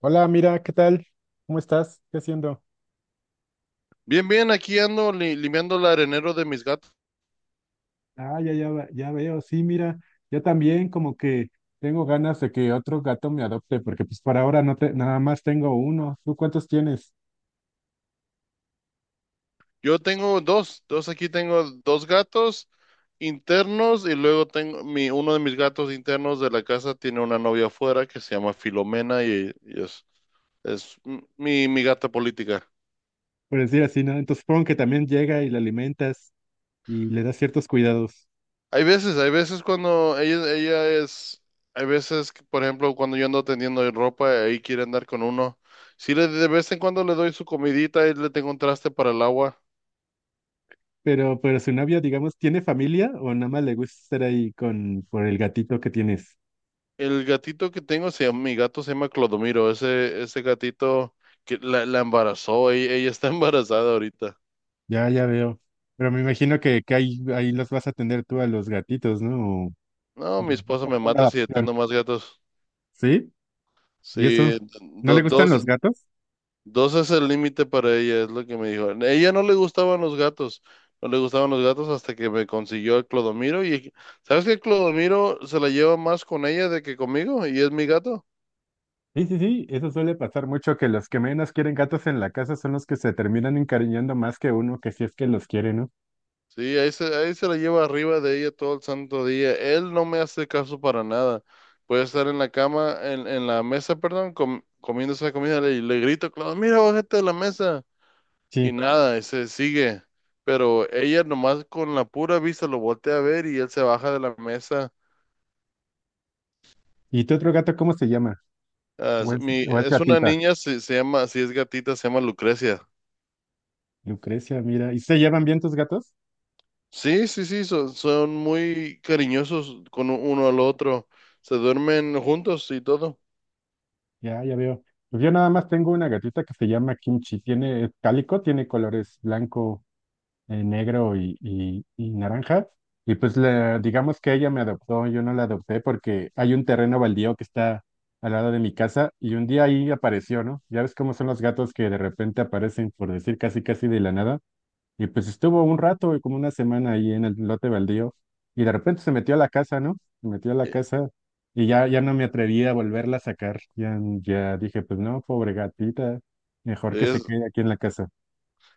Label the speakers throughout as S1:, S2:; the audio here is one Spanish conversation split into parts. S1: Hola, mira, ¿qué tal? ¿Cómo estás? ¿Qué haciendo?
S2: Bien, bien, aquí ando limpiando el arenero de mis gatos.
S1: Ah, ya, ya, ya veo, sí, mira, yo también como que tengo ganas de que otro gato me adopte, porque pues por ahora nada más tengo uno. ¿Tú cuántos tienes?
S2: Yo tengo dos, aquí tengo dos gatos internos, y luego tengo mi uno de mis gatos internos de la casa tiene una novia afuera que se llama Filomena y es mi gata política.
S1: Por decir así, ¿no? Entonces supongo que también llega y le alimentas y le das ciertos cuidados.
S2: Hay veces cuando ella es, hay veces que, por ejemplo, cuando yo ando tendiendo ropa, ahí quiere andar con uno. Sí, de vez en cuando le doy su comidita y le tengo un traste para el agua.
S1: Pero su novia, digamos, ¿tiene familia o nada más le gusta estar ahí con, por el gatito que tienes?
S2: El gatito que tengo se llama, Mi gato se llama Clodomiro. Ese gatito que la embarazó, ella está embarazada ahorita.
S1: Ya, ya veo. Pero me imagino que ahí, ahí los vas a atender tú a los gatitos, ¿no?
S2: No,
S1: O
S2: mi
S1: les vas
S2: esposa
S1: a dar
S2: me
S1: en
S2: mata si
S1: adopción.
S2: atiendo más gatos.
S1: ¿Sí? ¿Y eso?
S2: Sí,
S1: ¿No le gustan
S2: dos,
S1: los gatos?
S2: dos es el límite para ella, es lo que me dijo. A ella no le gustaban los gatos, no le gustaban los gatos hasta que me consiguió el Clodomiro. Y sabes que Clodomiro se la lleva más con ella de que conmigo, y es mi gato.
S1: Sí, sí, sí, eso suele pasar mucho, que los que menos quieren gatos en la casa son los que se terminan encariñando más que uno, que si es que los quiere, ¿no?
S2: Sí, ahí se la lleva arriba de ella todo el santo día. Él no me hace caso para nada. Puede estar en la cama, en la mesa, perdón, comiendo esa comida, y le grito, Claudio, mira, bájate de la mesa. Y
S1: Sí.
S2: nada, y se sigue. Pero ella nomás con la pura vista lo voltea a ver y él se baja de la mesa.
S1: ¿Y tu otro gato cómo se llama?
S2: Ah, es mi,
S1: O es
S2: es una
S1: gatita?
S2: niña, se llama, si es gatita, se llama Lucrecia.
S1: Lucrecia, mira. ¿Y se llevan bien tus gatos?
S2: Sí, sí, sí, son muy cariñosos con uno al otro. Se duermen juntos y todo.
S1: Ya, ya veo. Pues yo nada más tengo una gatita que se llama Kimchi. Tiene, es cálico, tiene colores blanco, negro y naranja. Y pues digamos que ella me adoptó, yo no la adopté porque hay un terreno baldío que está al lado de mi casa y un día ahí apareció, ¿no? Ya ves cómo son los gatos que de repente aparecen, por decir casi casi de la nada. Y pues estuvo un rato, como una semana ahí en el lote baldío y de repente se metió a la casa, ¿no? Se metió a la
S2: E,
S1: casa y ya, ya no me atreví a volverla a sacar. Ya, ya dije, pues no, pobre gatita, mejor que
S2: Es,
S1: se quede aquí en la casa.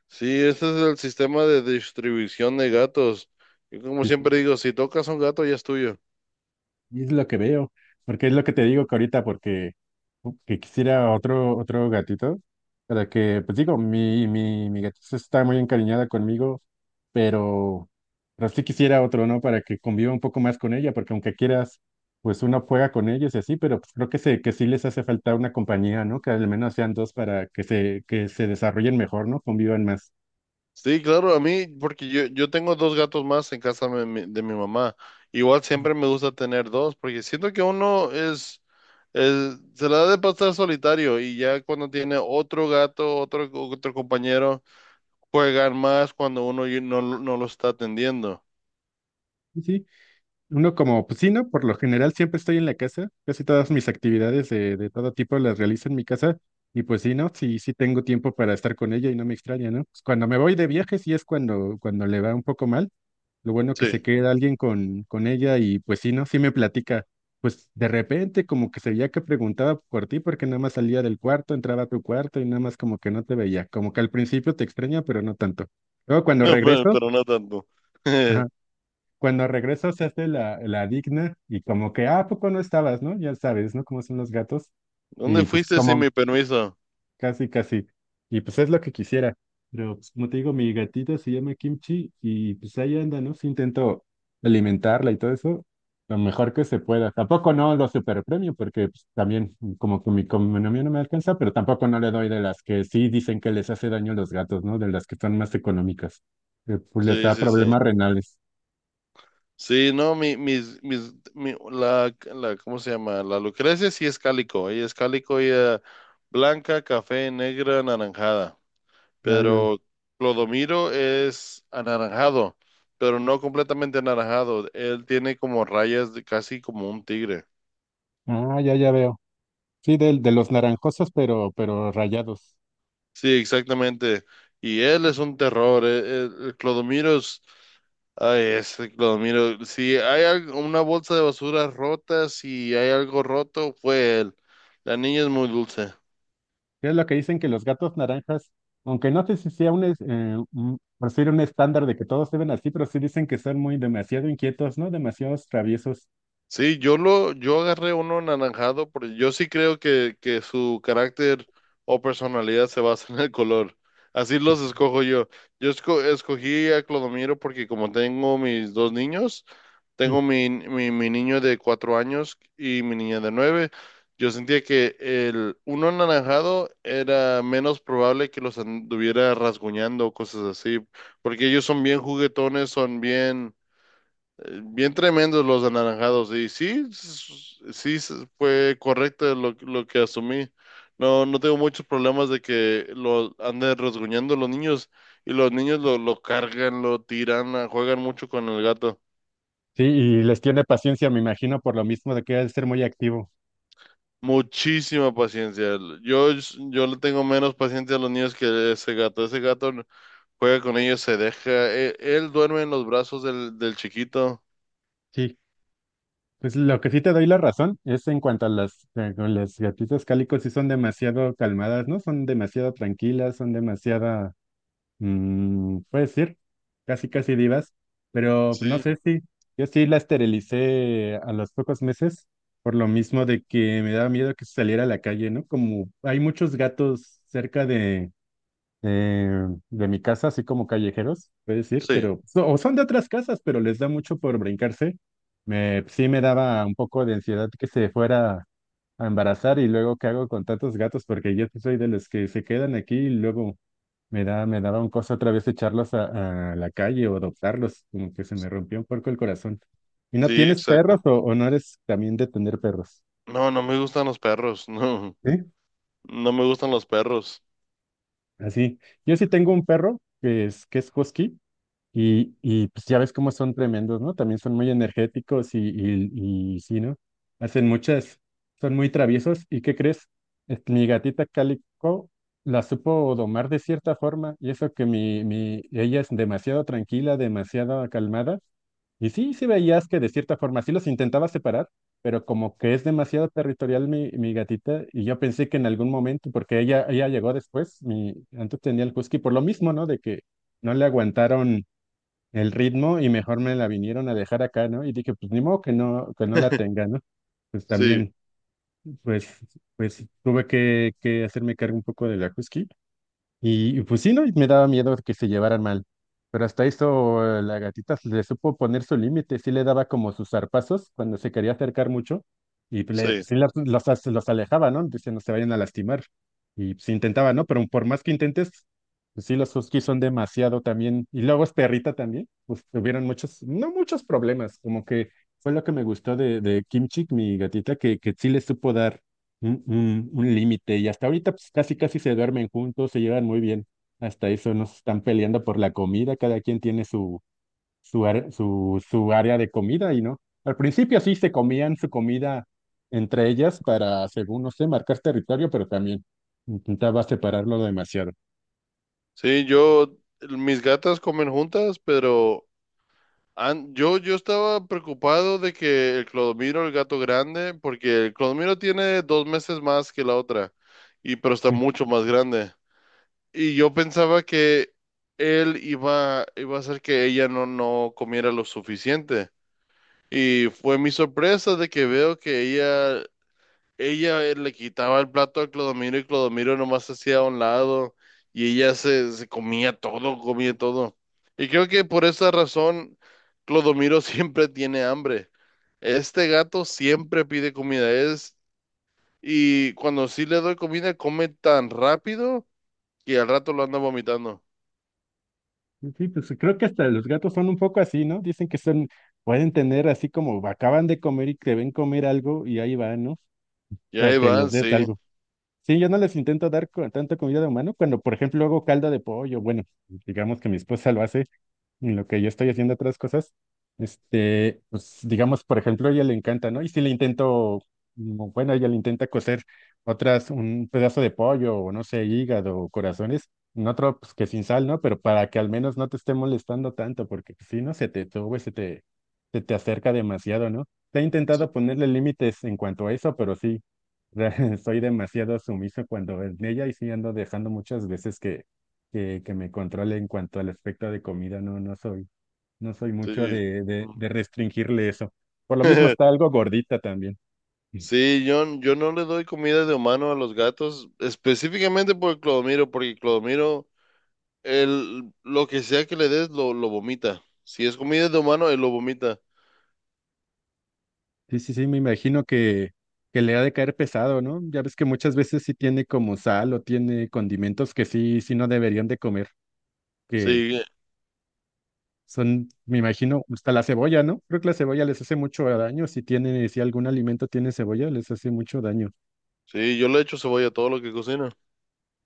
S2: Sí, este es el sistema de distribución de gatos. Y como
S1: Sí, sí.
S2: siempre digo, si tocas a un gato ya es tuyo.
S1: Y es lo que veo, porque es lo que te digo que ahorita, porque que quisiera otro, otro gatito, para que, pues digo, mi gatita está muy encariñada conmigo, pero, pero sí quisiera otro, ¿no? Para que conviva un poco más con ella, porque aunque quieras, pues uno juega con ellos y así, pero pues creo que sí les hace falta una compañía, ¿no? Que al menos sean dos para que se desarrollen mejor, ¿no? Convivan más.
S2: Sí, claro, a mí, porque yo tengo dos gatos más en casa de mi mamá. Igual siempre me gusta tener dos, porque siento que uno se la da de pasar solitario, y ya cuando tiene otro gato, otro compañero, juegan más cuando uno no lo está atendiendo.
S1: Sí, uno como, pues sí, ¿no? Por lo general siempre estoy en la casa, casi todas mis actividades de todo tipo las realizo en mi casa y pues sí, ¿no? Sí, sí tengo tiempo para estar con ella y no me extraña, ¿no? Pues cuando me voy de viaje sí es cuando, cuando le va un poco mal, lo bueno que
S2: Sí,
S1: se queda alguien con ella y pues sí, ¿no? Sí me platica, pues de repente como que se veía que preguntaba por ti porque nada más salía del cuarto, entraba a tu cuarto y nada más como que no te veía, como que al principio te extraña, pero no tanto. Luego cuando
S2: no,
S1: regreso...
S2: pero no tanto.
S1: Ajá, cuando regreso se hace la, la digna y como que, ah, ¿a poco no estabas, ¿no? Ya sabes, ¿no? Cómo son los gatos. Y
S2: ¿Dónde
S1: pues
S2: fuiste sin
S1: como,
S2: mi permiso?
S1: casi, casi. Y pues es lo que quisiera. Pero pues, como te digo, mi gatita se llama Kimchi y pues ahí anda, ¿no? Si intento alimentarla y todo eso, lo mejor que se pueda. Tampoco no lo superpremio porque pues, también como que mi economía no me alcanza, pero tampoco no le doy de las que sí dicen que les hace daño a los gatos, ¿no? De las que son más económicas. Que, pues les
S2: Sí,
S1: da
S2: sí, sí.
S1: problemas renales.
S2: Sí, no, mi, mis, mis, mi- la, ¿cómo se llama? La Lucrecia sí es cálico, ella blanca, café, negra, anaranjada,
S1: Ya, ya.
S2: pero Clodomiro es anaranjado, pero no completamente anaranjado, él tiene como rayas de casi como un tigre.
S1: Ah, ya, ya veo. Sí, de, los naranjosos, pero rayados.
S2: Sí, exactamente. Y él es un terror. El Clodomiro es, ay, ese Clodomiro. Si hay algo- Una bolsa de basura rota, si hay algo roto, fue él. La niña es muy dulce.
S1: Que es lo que dicen que los gatos naranjas, aunque no sé si sea un, un, por decir un estándar de que todos deben así, pero sí dicen que son muy demasiado inquietos, ¿no? Demasiados traviesos.
S2: Sí, yo agarré uno anaranjado, porque yo sí creo que su carácter o personalidad se basa en el color. Así los escojo yo. Escogí a Clodomiro porque como tengo mis dos niños,
S1: Sí.
S2: tengo mi niño de 4 años y mi niña de 9. Yo sentía que el uno anaranjado era menos probable que los anduviera rasguñando o cosas así, porque ellos son bien juguetones, son bien tremendos los anaranjados. Y sí, fue correcto lo que asumí. No, no tengo muchos problemas de que lo anden rasguñando los niños, y los niños lo cargan, lo tiran, ah, juegan mucho con el gato.
S1: Sí, y les tiene paciencia, me imagino, por lo mismo de que ha de ser muy activo.
S2: Muchísima paciencia. Yo, yo le tengo menos paciencia a los niños que ese gato. Ese gato juega con ellos, se deja. Él duerme en los brazos del chiquito.
S1: Sí. Pues lo que sí te doy la razón es en cuanto a las, con las gatitas cálicos, sí son demasiado calmadas, ¿no? Son demasiado tranquilas, son demasiada puede ser, casi casi divas, pero pues, no
S2: Sí,
S1: sé si yo sí la esterilicé a los pocos meses por lo mismo de que me daba miedo que saliera a la calle, ¿no? Como hay muchos gatos cerca de, de mi casa, así como callejeros, puede decir,
S2: sí,
S1: pero o son de otras casas, pero les da mucho por brincarse. Me, sí me daba un poco de ansiedad que se fuera a embarazar y luego qué hago con tantos gatos porque yo sí soy de los que se quedan aquí y luego me da, me daban cosa otra vez echarlos a la calle o adoptarlos, como que se me rompió un poco el corazón. ¿Y no
S2: sí,
S1: tienes perros
S2: exacto.
S1: o no eres también de tener perros?
S2: No, no me gustan los perros, no.
S1: Sí,
S2: No me gustan los perros.
S1: así. Yo sí tengo un perro que es husky, y pues ya ves cómo son tremendos, ¿no? También son muy energéticos y sí, ¿no? Hacen muchas, son muy traviesos. ¿Y qué crees? Este, mi gatita cálico la supo domar de cierta forma y eso que ella es demasiado tranquila, demasiado calmada. Y sí, sí veías que de cierta forma sí los intentaba separar, pero como que es demasiado territorial mi gatita, y yo pensé que en algún momento, porque ella llegó después, mi, antes tenía el husky, por lo mismo, ¿no? De que no le aguantaron el ritmo y mejor me la vinieron a dejar acá, ¿no? Y dije, pues ni modo que no la tenga, ¿no? Pues
S2: Sí,
S1: también, pues, pues tuve que hacerme cargo un poco de la husky y pues sí, ¿no? Y me daba miedo que se llevaran mal. Pero hasta eso, la gatita se le supo poner su límite, sí le daba como sus zarpazos cuando se quería acercar mucho y pues, le,
S2: sí.
S1: pues, sí los alejaba, ¿no? Dice, no se vayan a lastimar. Y pues intentaba, ¿no? Pero por más que intentes, pues, sí, los huskies son demasiado también. Y luego es perrita también, pues tuvieron muchos, no muchos problemas, como que fue lo que me gustó de Kim Chick, mi gatita, que sí le supo dar un límite. Y hasta ahorita pues, casi casi se duermen juntos, se llevan muy bien. Hasta eso nos están peleando por la comida, cada quien tiene su, su área de comida y no. Al principio sí se comían su comida entre ellas para, según no sé, marcar territorio, pero también intentaba separarlo demasiado.
S2: Sí, yo, mis gatas comen juntas, pero yo estaba preocupado de que el Clodomiro, el gato grande, porque el Clodomiro tiene 2 meses más que la otra, y pero está
S1: Sí,
S2: mucho más grande. Y yo pensaba que él iba a hacer que ella no comiera lo suficiente. Y fue mi sorpresa de que veo que ella Ella le quitaba el plato a Clodomiro, y Clodomiro nomás se hacía a un lado, y se comía todo, comía todo. Y creo que por esa razón Clodomiro siempre tiene hambre. Este gato siempre pide comida, es y cuando sí le doy comida come tan rápido que al rato lo anda vomitando.
S1: sí, sí, pues creo que hasta los gatos son un poco así, ¿no? Dicen que son, pueden tener así como acaban de comer y te ven comer algo y ahí van, ¿no?
S2: Y
S1: Para
S2: ahí
S1: que les
S2: van,
S1: des
S2: sí,
S1: algo. Sí, yo no les intento dar tanta comida de humano cuando, por ejemplo, hago caldo de pollo. Bueno, digamos que mi esposa lo hace en lo que yo estoy haciendo otras cosas, este, pues digamos, por ejemplo, a ella le encanta, ¿no? Y si le intento, bueno, ella le intenta cocer otras, un pedazo de pollo o no sé, hígado o corazones, en otro, pues que sin sal, ¿no? Pero para que al menos no te esté molestando tanto, porque pues, si no, se te sube, se te acerca demasiado, ¿no? Te he
S2: sí,
S1: intentado ponerle límites en cuanto a eso, pero sí, soy demasiado sumiso cuando en ella y sí ando dejando muchas veces que que me controle en cuanto al aspecto de comida, no, no soy, no soy mucho
S2: sí.
S1: de, de restringirle eso. Por lo mismo está algo gordita también.
S2: Sí, yo no le doy comida de humano a los gatos, específicamente por Clodomiro, porque lo que sea que le des, lo vomita. Si es comida de humano, él lo vomita.
S1: Sí, sí, sí, me imagino que le ha de caer pesado, ¿no? Ya ves que muchas veces sí tiene como sal o tiene condimentos que sí, sí no deberían de comer, que
S2: Sí,
S1: son, me imagino, hasta la cebolla, ¿no? Creo que la cebolla les hace mucho daño, si tiene, si algún alimento tiene cebolla, les hace mucho daño.
S2: sí, yo le echo cebolla a todo lo que cocina.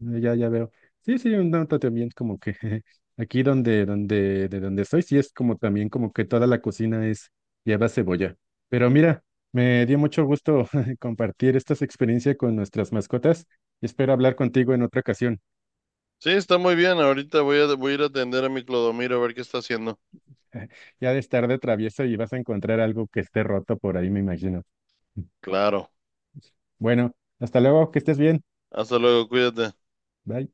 S1: Ah, ya, ya veo. Sí, sí, un dato también como que aquí donde, donde, de donde soy, sí es como también como que toda la cocina es lleva cebolla. Pero mira, me dio mucho gusto compartir estas experiencias con nuestras mascotas y espero hablar contigo en otra ocasión.
S2: Sí, está muy bien. Ahorita voy a, voy a ir a atender a mi Clodomiro a ver qué está haciendo.
S1: Ya de estar de travieso y vas a encontrar algo que esté roto por ahí, me imagino.
S2: Claro.
S1: Bueno, hasta luego, que estés bien.
S2: Hasta luego, cuídate.
S1: Bye.